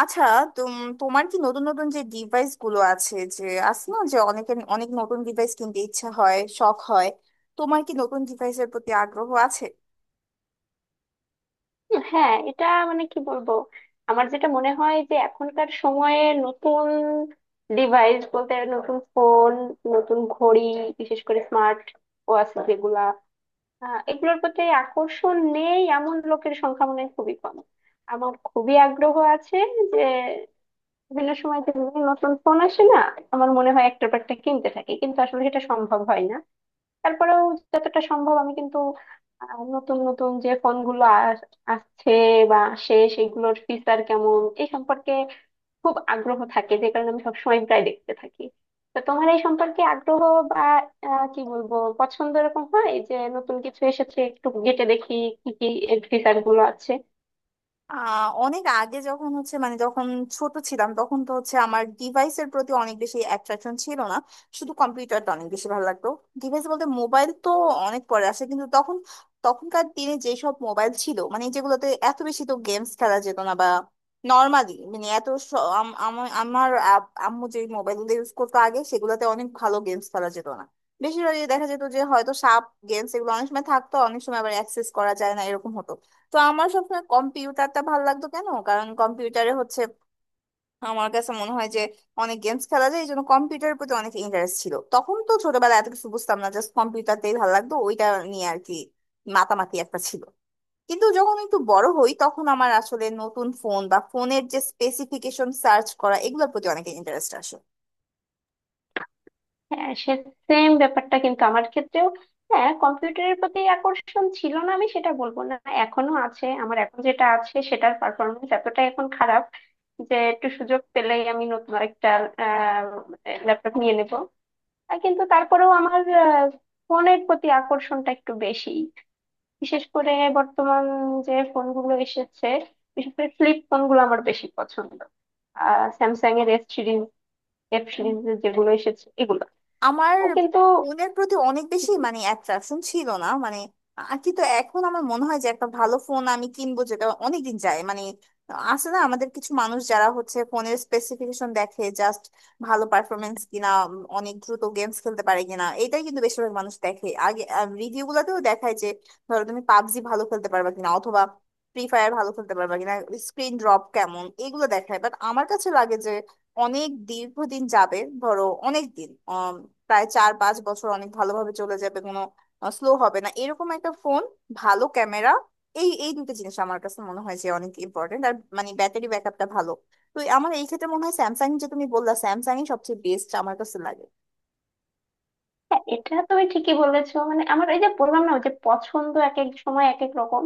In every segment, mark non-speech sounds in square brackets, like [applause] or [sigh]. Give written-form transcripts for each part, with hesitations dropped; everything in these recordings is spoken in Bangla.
আচ্ছা, তুম তোমার কি নতুন নতুন যে ডিভাইস গুলো আছে, যে আছে না যে অনেকের অনেক নতুন ডিভাইস কিনতে ইচ্ছা হয়, শখ হয়? তোমার কি নতুন ডিভাইসের প্রতি আগ্রহ আছে? হ্যাঁ, এটা মানে কি বলবো। আমার যেটা মনে হয় যে এখনকার সময়ে নতুন ডিভাইস বলতে নতুন ফোন, নতুন ঘড়ি, বিশেষ করে স্মার্ট ওয়াচ যেগুলা, এগুলোর প্রতি আকর্ষণ নেই এমন লোকের সংখ্যা মনে হয় খুবই কম। আমার খুবই আগ্রহ আছে যে বিভিন্ন সময় যে বিভিন্ন নতুন ফোন আসে না, আমার মনে হয় একটার পর একটা কিনতে থাকি, কিন্তু আসলে সেটা সম্ভব হয় না। তারপরেও যতটা সম্ভব আমি কিন্তু নতুন নতুন যে ফোনগুলো আস- আসছে বা আসে সেগুলোর ফিচার কেমন এই সম্পর্কে খুব আগ্রহ থাকে, যে কারণে আমি সবসময় প্রায় দেখতে থাকি। তো তোমার এই সম্পর্কে আগ্রহ বা কি বলবো পছন্দ এরকম হয় যে নতুন কিছু এসেছে, একটু ঘেঁটে দেখি কি কি এর ফিচার গুলো আছে। অনেক আগে যখন হচ্ছে মানে যখন ছোট ছিলাম তখন তো হচ্ছে আমার ডিভাইসের প্রতি অনেক বেশি অ্যাট্রাকশন ছিল না। শুধু কম্পিউটারটা অনেক বেশি ভালো লাগতো। ডিভাইস বলতে মোবাইল তো অনেক পরে আসে, কিন্তু তখন তখনকার দিনে যেসব মোবাইল ছিল মানে যেগুলোতে এত বেশি তো গেমস খেলা যেত না, বা নর্মালি মানে এত আমার আম্মু যে মোবাইলগুলো ইউজ করতো আগে সেগুলোতে অনেক ভালো গেমস খেলা যেত না। বেশিরভাগই দেখা যেত যে হয়তো সাপ গেমস, এগুলো অনেক সময় থাকতো, অনেক সময় আবার অ্যাক্সেস করা যায় না এরকম হতো। তো আমার সবসময় কম্পিউটারটা ভালো লাগতো। কেন? কারণ কম্পিউটারে হচ্ছে আমার কাছে মনে হয় যে অনেক গেমস খেলা যায়, এই জন্য কম্পিউটারের প্রতি অনেক ইন্টারেস্ট ছিল। তখন তো ছোটবেলায় এত কিছু বুঝতাম না, জাস্ট কম্পিউটারটাই ভালো লাগতো। ওইটা নিয়ে আর কি মাতামাতি একটা ছিল। কিন্তু যখন একটু বড় হই তখন আমার আসলে নতুন ফোন বা ফোনের যে স্পেসিফিকেশন সার্চ করা এগুলোর প্রতি অনেক ইন্টারেস্ট আসে। হ্যাঁ, সেম ব্যাপারটা কিন্তু আমার ক্ষেত্রেও। হ্যাঁ, কম্পিউটারের প্রতি আকর্ষণ ছিল না আমি সেটা বলবো না, এখনো আছে। আমার এখন যেটা আছে সেটার পারফরমেন্স এতটা এখন খারাপ যে একটু সুযোগ পেলেই আমি নতুন একটা ল্যাপটপ নিয়ে নেব। কিন্তু তারপরেও আমার ফোনের প্রতি আকর্ষণটা একটু বেশি, বিশেষ করে বর্তমান যে ফোনগুলো এসেছে, বিশেষ করে ফ্লিপ ফোনগুলো আমার বেশি পছন্দ। স্যামসাং এর এস সিরিজ, এফ সিরিজ যেগুলো এসেছে এগুলো আমার কিন্তু। ফোনের প্রতি অনেক বেশি হ্যাঁ, মানে অ্যাট্রাকশন ছিল না মানে কিন্তু এখন আমার মনে হয় যে একটা ভালো ফোন আমি কিনবো যেটা অনেকদিন যায়। মানে আছে না আমাদের কিছু মানুষ যারা হচ্ছে ফোনের স্পেসিফিকেশন দেখে? জাস্ট ভালো পারফরমেন্স কিনা, অনেক দ্রুত গেমস খেলতে পারে কিনা, এটাই কিন্তু বেশিরভাগ মানুষ দেখে আগে। রিভিউ গুলাতেও দেখায় যে ধরো তুমি পাবজি ভালো খেলতে পারবে কিনা, অথবা ফ্রি ফায়ার ভালো খেলতে পারবে কিনা, স্ক্রিন ড্রপ কেমন, এগুলো দেখায়। বাট আমার কাছে লাগে অনেক দীর্ঘদিন যাবে, ধরো অনেক দিন, প্রায় 4-5 বছর অনেক ভালোভাবে চলে যাবে, কোনো স্লো হবে না এরকম একটা ফোন, ভালো ক্যামেরা, এই এই দুটো জিনিস আমার কাছে মনে হয় যে অনেক ইম্পর্টেন্ট, আর মানে ব্যাটারি ব্যাকআপটা ভালো। তো আমার এই ক্ষেত্রে মনে হয় স্যামসাং, যে তুমি বললা, স্যামসাংই সবচেয়ে বেস্ট আমার কাছে লাগে। এটা তুমি ঠিকই বলেছো, মানে আমার এই যে বললাম না ওই যে পছন্দ এক এক সময় এক এক রকম।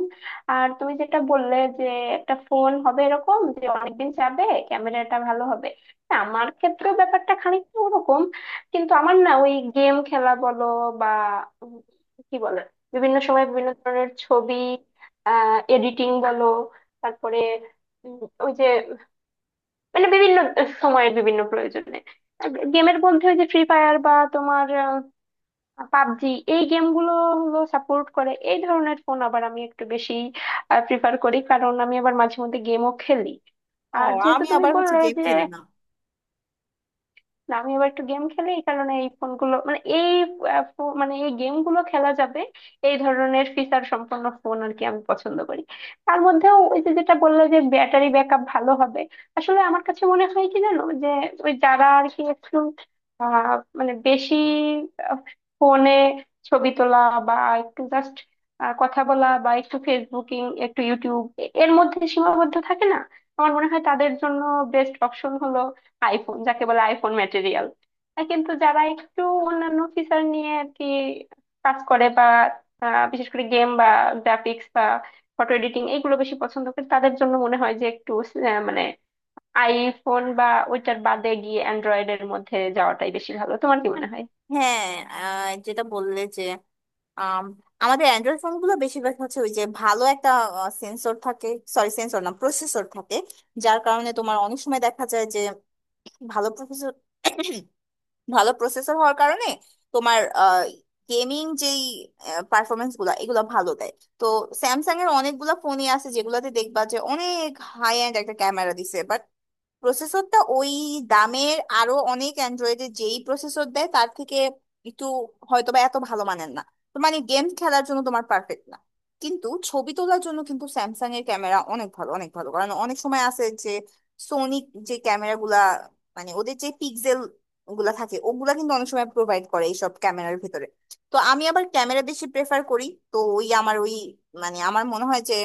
আর তুমি যেটা বললে যে একটা ফোন হবে এরকম যে অনেকদিন যাবে, ক্যামেরাটা ভালো হবে, না, আমার ক্ষেত্রেও ব্যাপারটা খানিকটা ওরকম। কিন্তু আমার না ওই গেম খেলা বলো বা উম কি বলে বিভিন্ন সময় বিভিন্ন ধরনের ছবি এডিটিং বলো, তারপরে উম, ওই যে মানে বিভিন্ন সময়ের বিভিন্ন প্রয়োজনে গেমের মধ্যে ওই যে ফ্রি ফায়ার বা তোমার পাবজি, এই গেমগুলো হলো, সাপোর্ট করে এই ধরনের ফোন, আবার আমি একটু বেশি প্রিফার করি কারণ আমি আবার মাঝে মধ্যে গেমও খেলি। ও, আর যেহেতু আমি তুমি আবার হচ্ছে বললে গেম যে খেলি না। না, আমি আবার একটু গেম খেলি এই কারণে এই ফোনগুলো মানে এই মানে এই গেমগুলো খেলা যাবে এই ধরনের ফিচার সম্পন্ন ফোন আর কি আমি পছন্দ করি। তার মধ্যেও ওই যে যেটা বললো যে ব্যাটারি ব্যাকআপ ভালো হবে, আসলে আমার কাছে মনে হয় কি জানো, যে ওই যারা আর কি একটু আহ মানে বেশি ফোনে ছবি তোলা বা একটু জাস্ট কথা বলা বা একটু ফেসবুকিং একটু ইউটিউব এর মধ্যে সীমাবদ্ধ থাকে না, আমার মনে হয় তাদের জন্য বেস্ট অপশন হলো আইফোন, যাকে বলে আইফোন ম্যাটেরিয়াল। কিন্তু যারা একটু অন্যান্য ফিচার নিয়ে আর কি কাজ করে বা বিশেষ করে গেম বা গ্রাফিক্স বা ফটো এডিটিং এগুলো বেশি পছন্দ করে তাদের জন্য মনে হয় যে একটু মানে আইফোন বা ওইটার বাদে গিয়ে অ্যান্ড্রয়েডের মধ্যে যাওয়াটাই বেশি ভালো। তোমার কি মনে হয়? হ্যাঁ, যেটা বললে যে আম, আমাদের অ্যান্ড্রয়েড ফোন গুলো বেশিরভাগ হচ্ছে ওই যে ভালো একটা সেন্সর থাকে, সরি সেন্সর না প্রসেসর থাকে। যার কারণে তোমার অনেক সময় দেখা যায় যে ভালো প্রসেসর [coughs] ভালো প্রসেসর হওয়ার কারণে তোমার গেমিং যেই পারফরমেন্স গুলো এগুলো ভালো দেয়। তো স্যামসাং এর অনেকগুলো ফোনই আছে যেগুলোতে দেখবা যে অনেক হাই এন্ড একটা ক্যামেরা দিছে, প্রসেসরটা ওই দামের আরো অনেক অ্যান্ড্রয়েডে যেই প্রসেসর দেয় তার থেকে একটু হয়তো বা এত ভালো মানের না। তো মানে গেম খেলার জন্য তোমার পারফেক্ট না, কিন্তু ছবি তোলার জন্য কিন্তু স্যামসাং এর ক্যামেরা অনেক ভালো, অনেক ভালো, কারণ অনেক সময় আছে যে সোনি যে ক্যামেরা গুলা, মানে ওদের যে পিক্সেল গুলা থাকে, ওগুলা কিন্তু অনেক সময় প্রোভাইড করে এইসব ক্যামেরার ভিতরে। তো আমি আবার ক্যামেরা বেশি প্রেফার করি। তো ওই আমার ওই মানে আমার মনে হয় যে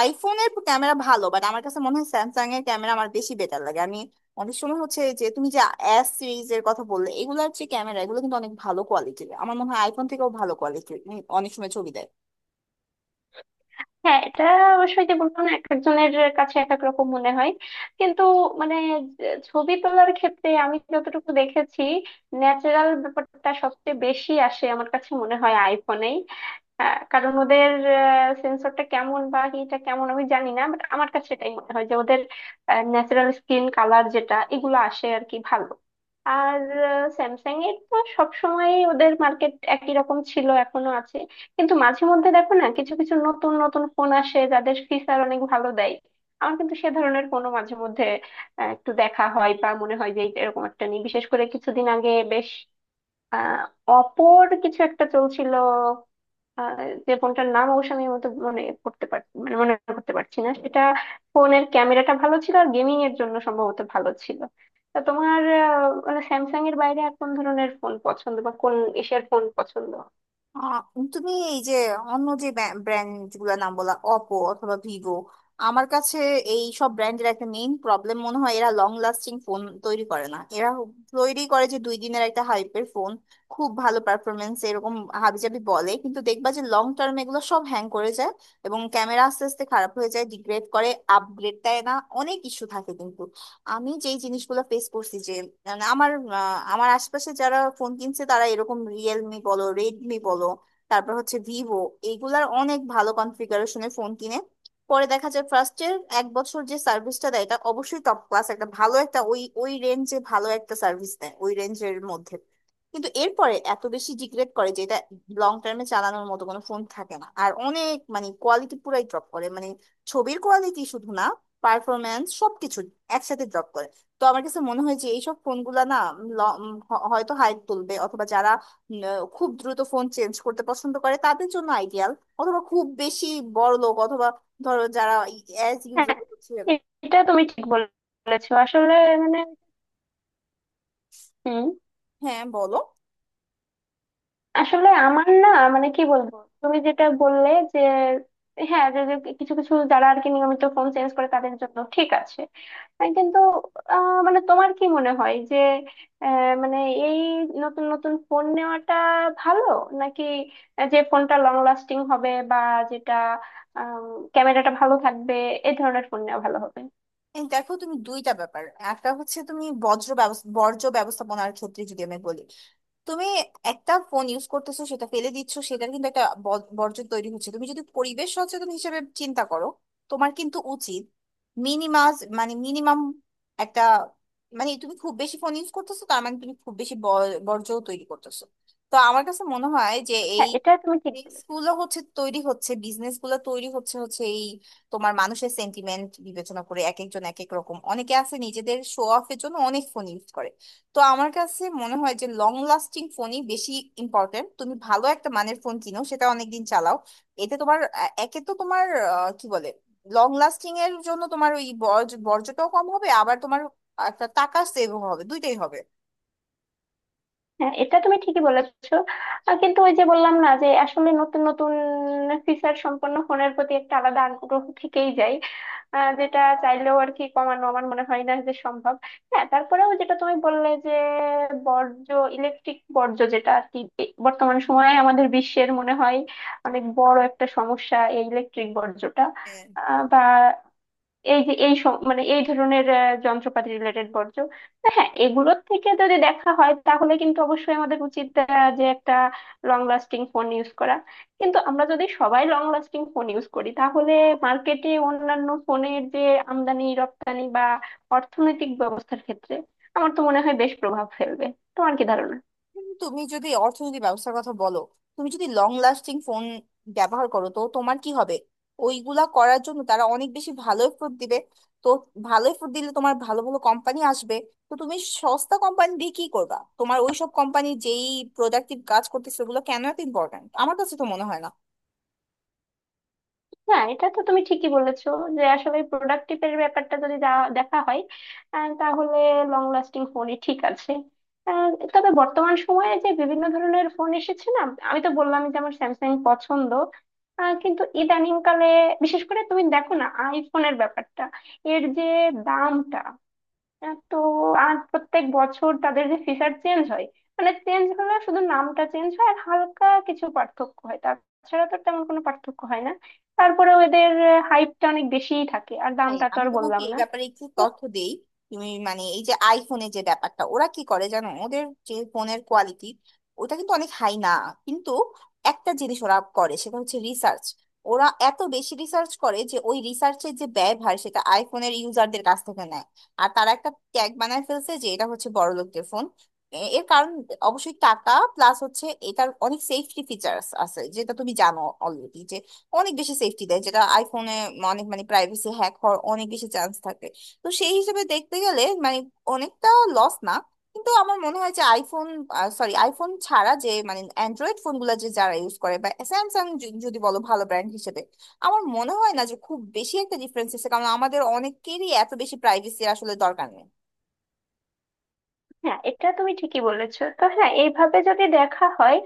আইফোনের ক্যামেরা ভালো, বাট আমার কাছে মনে হয় স্যামসাং এর ক্যামেরা আমার বেশি বেটার লাগে। আমি অনেক সময় হচ্ছে, যে তুমি যে এস সিরিজের কথা বললে, এগুলার যে ক্যামেরা এগুলো কিন্তু অনেক ভালো কোয়ালিটির, আমার মনে হয় আইফোন থেকেও ভালো কোয়ালিটির অনেক সময় ছবি দেয়। হ্যাঁ, এটা অবশ্যই, যে বললাম না এক একজনের কাছে এক এক রকম মনে হয়। কিন্তু মানে ছবি তোলার ক্ষেত্রে আমি যতটুকু দেখেছি ন্যাচারাল ব্যাপারটা সবচেয়ে বেশি আসে আমার কাছে মনে হয় আইফোনেই। হ্যাঁ, কারণ ওদের সেন্সরটা কেমন বা হিটা কেমন আমি জানি না, বাট আমার কাছে সেটাই মনে হয় যে ওদের ন্যাচারাল স্কিন কালার যেটা এগুলো আসে আর কি ভালো। আর স্যামসাং এর তো সবসময় ওদের মার্কেট একই রকম ছিল, এখনো আছে। কিন্তু মাঝে মধ্যে দেখো না কিছু কিছু নতুন নতুন ফোন আসে যাদের ফিচার অনেক ভালো দেয়। আমার কিন্তু সে ধরনের ফোনও মাঝে মধ্যে একটু দেখা হয় বা মনে হয় যে এইটা এরকম একটা নিই। বিশেষ করে কিছুদিন আগে বেশ আহ অপোর কিছু একটা চলছিল, আহ যে ফোনটার নাম অবশ্য আমি মতো মনে করতে মানে মনে করতে পারছি না। সেটা ফোনের ক্যামেরাটা ভালো ছিল আর গেমিং এর জন্য সম্ভবত ভালো ছিল। তা তোমার মানে স্যামসাং এর বাইরে আর কোন ধরনের ফোন পছন্দ বা কোন এশিয়ার ফোন পছন্দ? আহ, তুমি এই যে অন্য যে ব্র্যান্ড গুলো নাম বলা, অপো অথবা ভিভো, আমার কাছে এই সব ব্র্যান্ডের একটা মেইন প্রবলেম মনে হয় এরা লং লাস্টিং ফোন তৈরি করে না। এরা তৈরি করে যে 2 দিনের একটা হাইপের ফোন, খুব ভালো পারফরমেন্স এরকম হাবিজাবি বলে, কিন্তু দেখবা যে লং টার্মে এগুলো সব হ্যাং করে যায়, এবং ক্যামেরা আস্তে আস্তে খারাপ হয়ে যায়, ডিগ্রেড করে, আপগ্রেড দেয় না, অনেক ইস্যু থাকে। কিন্তু আমি যেই জিনিসগুলো ফেস করছি যে মানে আমার আমার আশপাশে যারা ফোন কিনছে তারা এরকম রিয়েলমি বলো, রেডমি বলো, তারপর হচ্ছে ভিভো, এইগুলার অনেক ভালো কনফিগারেশনের ফোন কিনে পরে দেখা যায় ফার্স্টের 1 বছর যে সার্ভিসটা দেয় এটা অবশ্যই টপ ক্লাস, একটা ভালো একটা ওই ওই রেঞ্জে ভালো একটা সার্ভিস দেয়, ওই রেঞ্জের মধ্যে। কিন্তু এরপরে এত বেশি ডিগ্রেড করে যে এটা লং টার্মে চালানোর মতো কোনো ফোন থাকে না, আর অনেক মানে কোয়ালিটি পুরাই ড্রপ করে, মানে ছবির কোয়ালিটি শুধু না, পারফরমেন্স সবকিছু একসাথে ড্রপ করে। তো আমার কাছে মনে হয় যে এইসব ফোনগুলা না হয়তো হাইপ তুলবে, অথবা যারা উম, খুব দ্রুত ফোন চেঞ্জ করতে পছন্দ করে তাদের জন্য আইডিয়াল, অথবা খুব বেশি বড় লোক, অথবা ধরো যারা অ্যাজ হ্যাঁ, ইউজুয়াল হচ্ছে। এটা তুমি ঠিক বলেছো। আসলে মানে হম হ্যাঁ, বলো। আসলে আমার না মানে কি বলবো, তুমি যেটা বললে যে হ্যাঁ, যে যে কিছু কিছু যারা আর কি নিয়মিত ফোন চেঞ্জ করে তাদের জন্য ঠিক আছে। কিন্তু মানে তোমার কি মনে হয় যে মানে এই নতুন নতুন ফোন নেওয়াটা ভালো নাকি যে ফোনটা লং লাস্টিং হবে বা যেটা ক্যামেরাটা ভালো থাকবে এই ধরনের ফোন নেওয়া ভালো হবে? এই দেখো তুমি দুইটা ব্যাপার। একটা হচ্ছে তুমি বজ্র ব্যবস্থা বর্জ্য ব্যবস্থাপনার ক্ষেত্রে যদি আমি বলি, তুমি একটা ফোন ইউজ করতেছো, সেটা ফেলে দিচ্ছ, সেটার কিন্তু একটা বর্জ্য তৈরি হচ্ছে। তুমি যদি পরিবেশ সচেতন হিসেবে চিন্তা করো, তোমার কিন্তু উচিত মিনিমাস মানে মিনিমাম একটা, মানে তুমি খুব বেশি ফোন ইউজ করতেছো, তার মানে তুমি খুব বেশি বর্জ্য তৈরি করতেছো। তো আমার কাছে মনে হয় যে এই হ্যাঁ, এটা তুমি ঠিক বলেছো। স্কুলও হচ্ছে তৈরি হচ্ছে, বিজনেস গুলো তৈরি হচ্ছে, তোমার মানুষের সেন্টিমেন্ট বিবেচনা করে এক একজন এক এক রকম, অনেকে আছে নিজেদের শো অফের জন্য অনেক ফোন ইউজ করে। তো আমার কাছে মনে হয় যে লং লাস্টিং ফোনই বেশি ইম্পর্টেন্ট, তুমি ভালো একটা মানের ফোন কিনো সেটা অনেকদিন চালাও। এতে তোমার একে তো তোমার আহ, কি বলে লং লাস্টিং এর জন্য তোমার ওই বর্জ্যটাও কম হবে, আবার তোমার একটা টাকা সেভ হবে, দুইটাই হবে। হ্যাঁ, এটা তুমি ঠিকই বলেছো। কিন্তু ওই যে বললাম না যে আসলে নতুন নতুন ফিচার সম্পন্ন ফোনের প্রতি একটা আলাদা আগ্রহ থেকেই যায়, যেটা চাইলেও আর কি কমানো আমার মনে হয় না যে সম্ভব। হ্যাঁ, তারপরেও যেটা তুমি বললে যে বর্জ্য, ইলেকট্রিক বর্জ্য যেটা আর কি বর্তমান সময়ে আমাদের বিশ্বের মনে হয় অনেক বড় একটা সমস্যা, এই ইলেকট্রিক বর্জ্যটা। হ্যাঁ। বা এই যে এই মানে এই ধরনের যন্ত্রপাতি রিলেটেড বর্জ্য। তো হ্যাঁ, এগুলোর থেকে যদি দেখা হয় তাহলে কিন্তু অবশ্যই আমাদের উচিত যে একটা লং লাস্টিং ফোন ইউজ করা। কিন্তু আমরা যদি সবাই লং লাস্টিং ফোন ইউজ করি তাহলে মার্কেটে অন্যান্য ফোনের যে আমদানি রপ্তানি বা অর্থনৈতিক ব্যবস্থার ক্ষেত্রে আমার তো মনে হয় বেশ প্রভাব ফেলবে। তোমার কি ধারণা? কিন্তু তুমি যদি অর্থনৈতিক ব্যবস্থার কথা বলো, তুমি যদি লং লাস্টিং ফোন ব্যবহার করো তো তোমার কি হবে? ওইগুলা করার জন্য তারা অনেক বেশি ভালো এফোর্ট দিবে। তো ভালো এফোর্ট দিলে তোমার ভালো ভালো কোম্পানি আসবে। তো তুমি সস্তা কোম্পানি দিয়ে কি করবা? তোমার ওইসব কোম্পানি যেই প্রোডাক্টিভ কাজ করতেছে ওগুলো কেন এত ইম্পর্ট্যান্ট? আমার কাছে তো মনে হয় না। হ্যাঁ, এটা তো তুমি ঠিকই বলেছো, যে আসলে প্রোডাক্টিভ এর ব্যাপারটা যদি দেখা হয় তাহলে লং লাস্টিং ফোনই ঠিক আছে। আহ, তবে বর্তমান সময়ে যে বিভিন্ন ধরনের ফোন এসেছে না, আমি তো বললাম যে আমার স্যামসাং পছন্দ। কিন্তু ইদানিং কালে বিশেষ করে তুমি দেখো না আইফোনের ব্যাপারটা, এর যে দামটা তো আর প্রত্যেক বছর তাদের যে ফিশার চেঞ্জ হয়, মানে চেঞ্জ হলে শুধু নামটা চেঞ্জ হয় আর হালকা কিছু পার্থক্য হয়, তাছাড়া তো তেমন কোনো পার্থক্য হয় না। তারপরে এদের হাইপটা অনেক বেশিই থাকে আর হ্যাঁ, দামটা তো আমি আর তোমাকে বললাম এই না। ব্যাপারে একটু তথ্য দেই। তুমি মানে এই যে আইফোনে যে ব্যাপারটা, ওরা কি করে জানো? ওদের যে ফোনের কোয়ালিটি ওটা কিন্তু অনেক হাই না, কিন্তু একটা জিনিস ওরা করে সেটা হচ্ছে রিসার্চ। ওরা এত বেশি রিসার্চ করে যে ওই রিসার্চের যে ব্যয়ভার সেটা আইফোনের ইউজারদের কাছ থেকে নেয়। আর তারা একটা ট্যাগ বানায় ফেলছে যে এটা হচ্ছে বড়লোকদের ফোন। এর কারণ অবশ্যই টাকা, প্লাস হচ্ছে এটার অনেক সেফটি ফিচার্স আছে যেটা তুমি জানো অলরেডি। অনেক বেশি সেফটি দেয় যেটা আইফোনে। অনেক মানে প্রাইভেসি হ্যাক হওয়ার অনেক বেশি চান্স থাকে। তো সেই হিসেবে দেখতে গেলে মানে অনেকটা লস না। কিন্তু আমার মনে হয় যে আইফোন, সরি আইফোন ছাড়া যে মানে অ্যান্ড্রয়েড ফোনগুলো যে যারা ইউজ করে, বা স্যামসাং যদি বলো ভালো ব্র্যান্ড হিসেবে, আমার মনে হয় না যে খুব বেশি একটা ডিফারেন্স আছে কারণ আমাদের অনেকেরই এত বেশি প্রাইভেসির আসলে দরকার নেই। হ্যাঁ, এটা তুমি ঠিকই বলেছো। তো হ্যাঁ, এইভাবে যদি দেখা হয়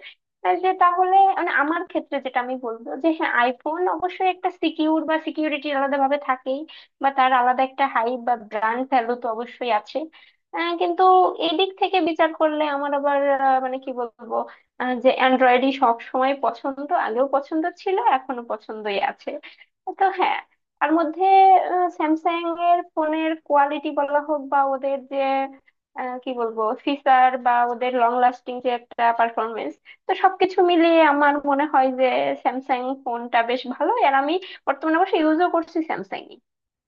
যে তাহলে মানে আমার ক্ষেত্রে যেটা আমি বলবো যে হ্যাঁ, আইফোন অবশ্যই একটা সিকিউর বা সিকিউরিটি আলাদা ভাবে থাকেই বা তার আলাদা একটা হাইপ বা ব্র্যান্ড ভ্যালু তো অবশ্যই আছে। কিন্তু এই দিক থেকে বিচার করলে আমার আবার মানে কি বলবো যে অ্যান্ড্রয়েডই সব সময় পছন্দ, আগেও পছন্দ ছিল, এখনো পছন্দই আছে। তো হ্যাঁ, তার মধ্যে স্যামসাং এর ফোনের কোয়ালিটি বলা হোক বা ওদের যে কি বলবো ফিচার বা ওদের লং লাস্টিং যে একটা পারফরমেন্স, তো সবকিছু মিলিয়ে আমার মনে হয় যে স্যামসাং ফোনটা বেশ ভালো আর আমি বর্তমানে অবশ্য ইউজও করছি স্যামসাং।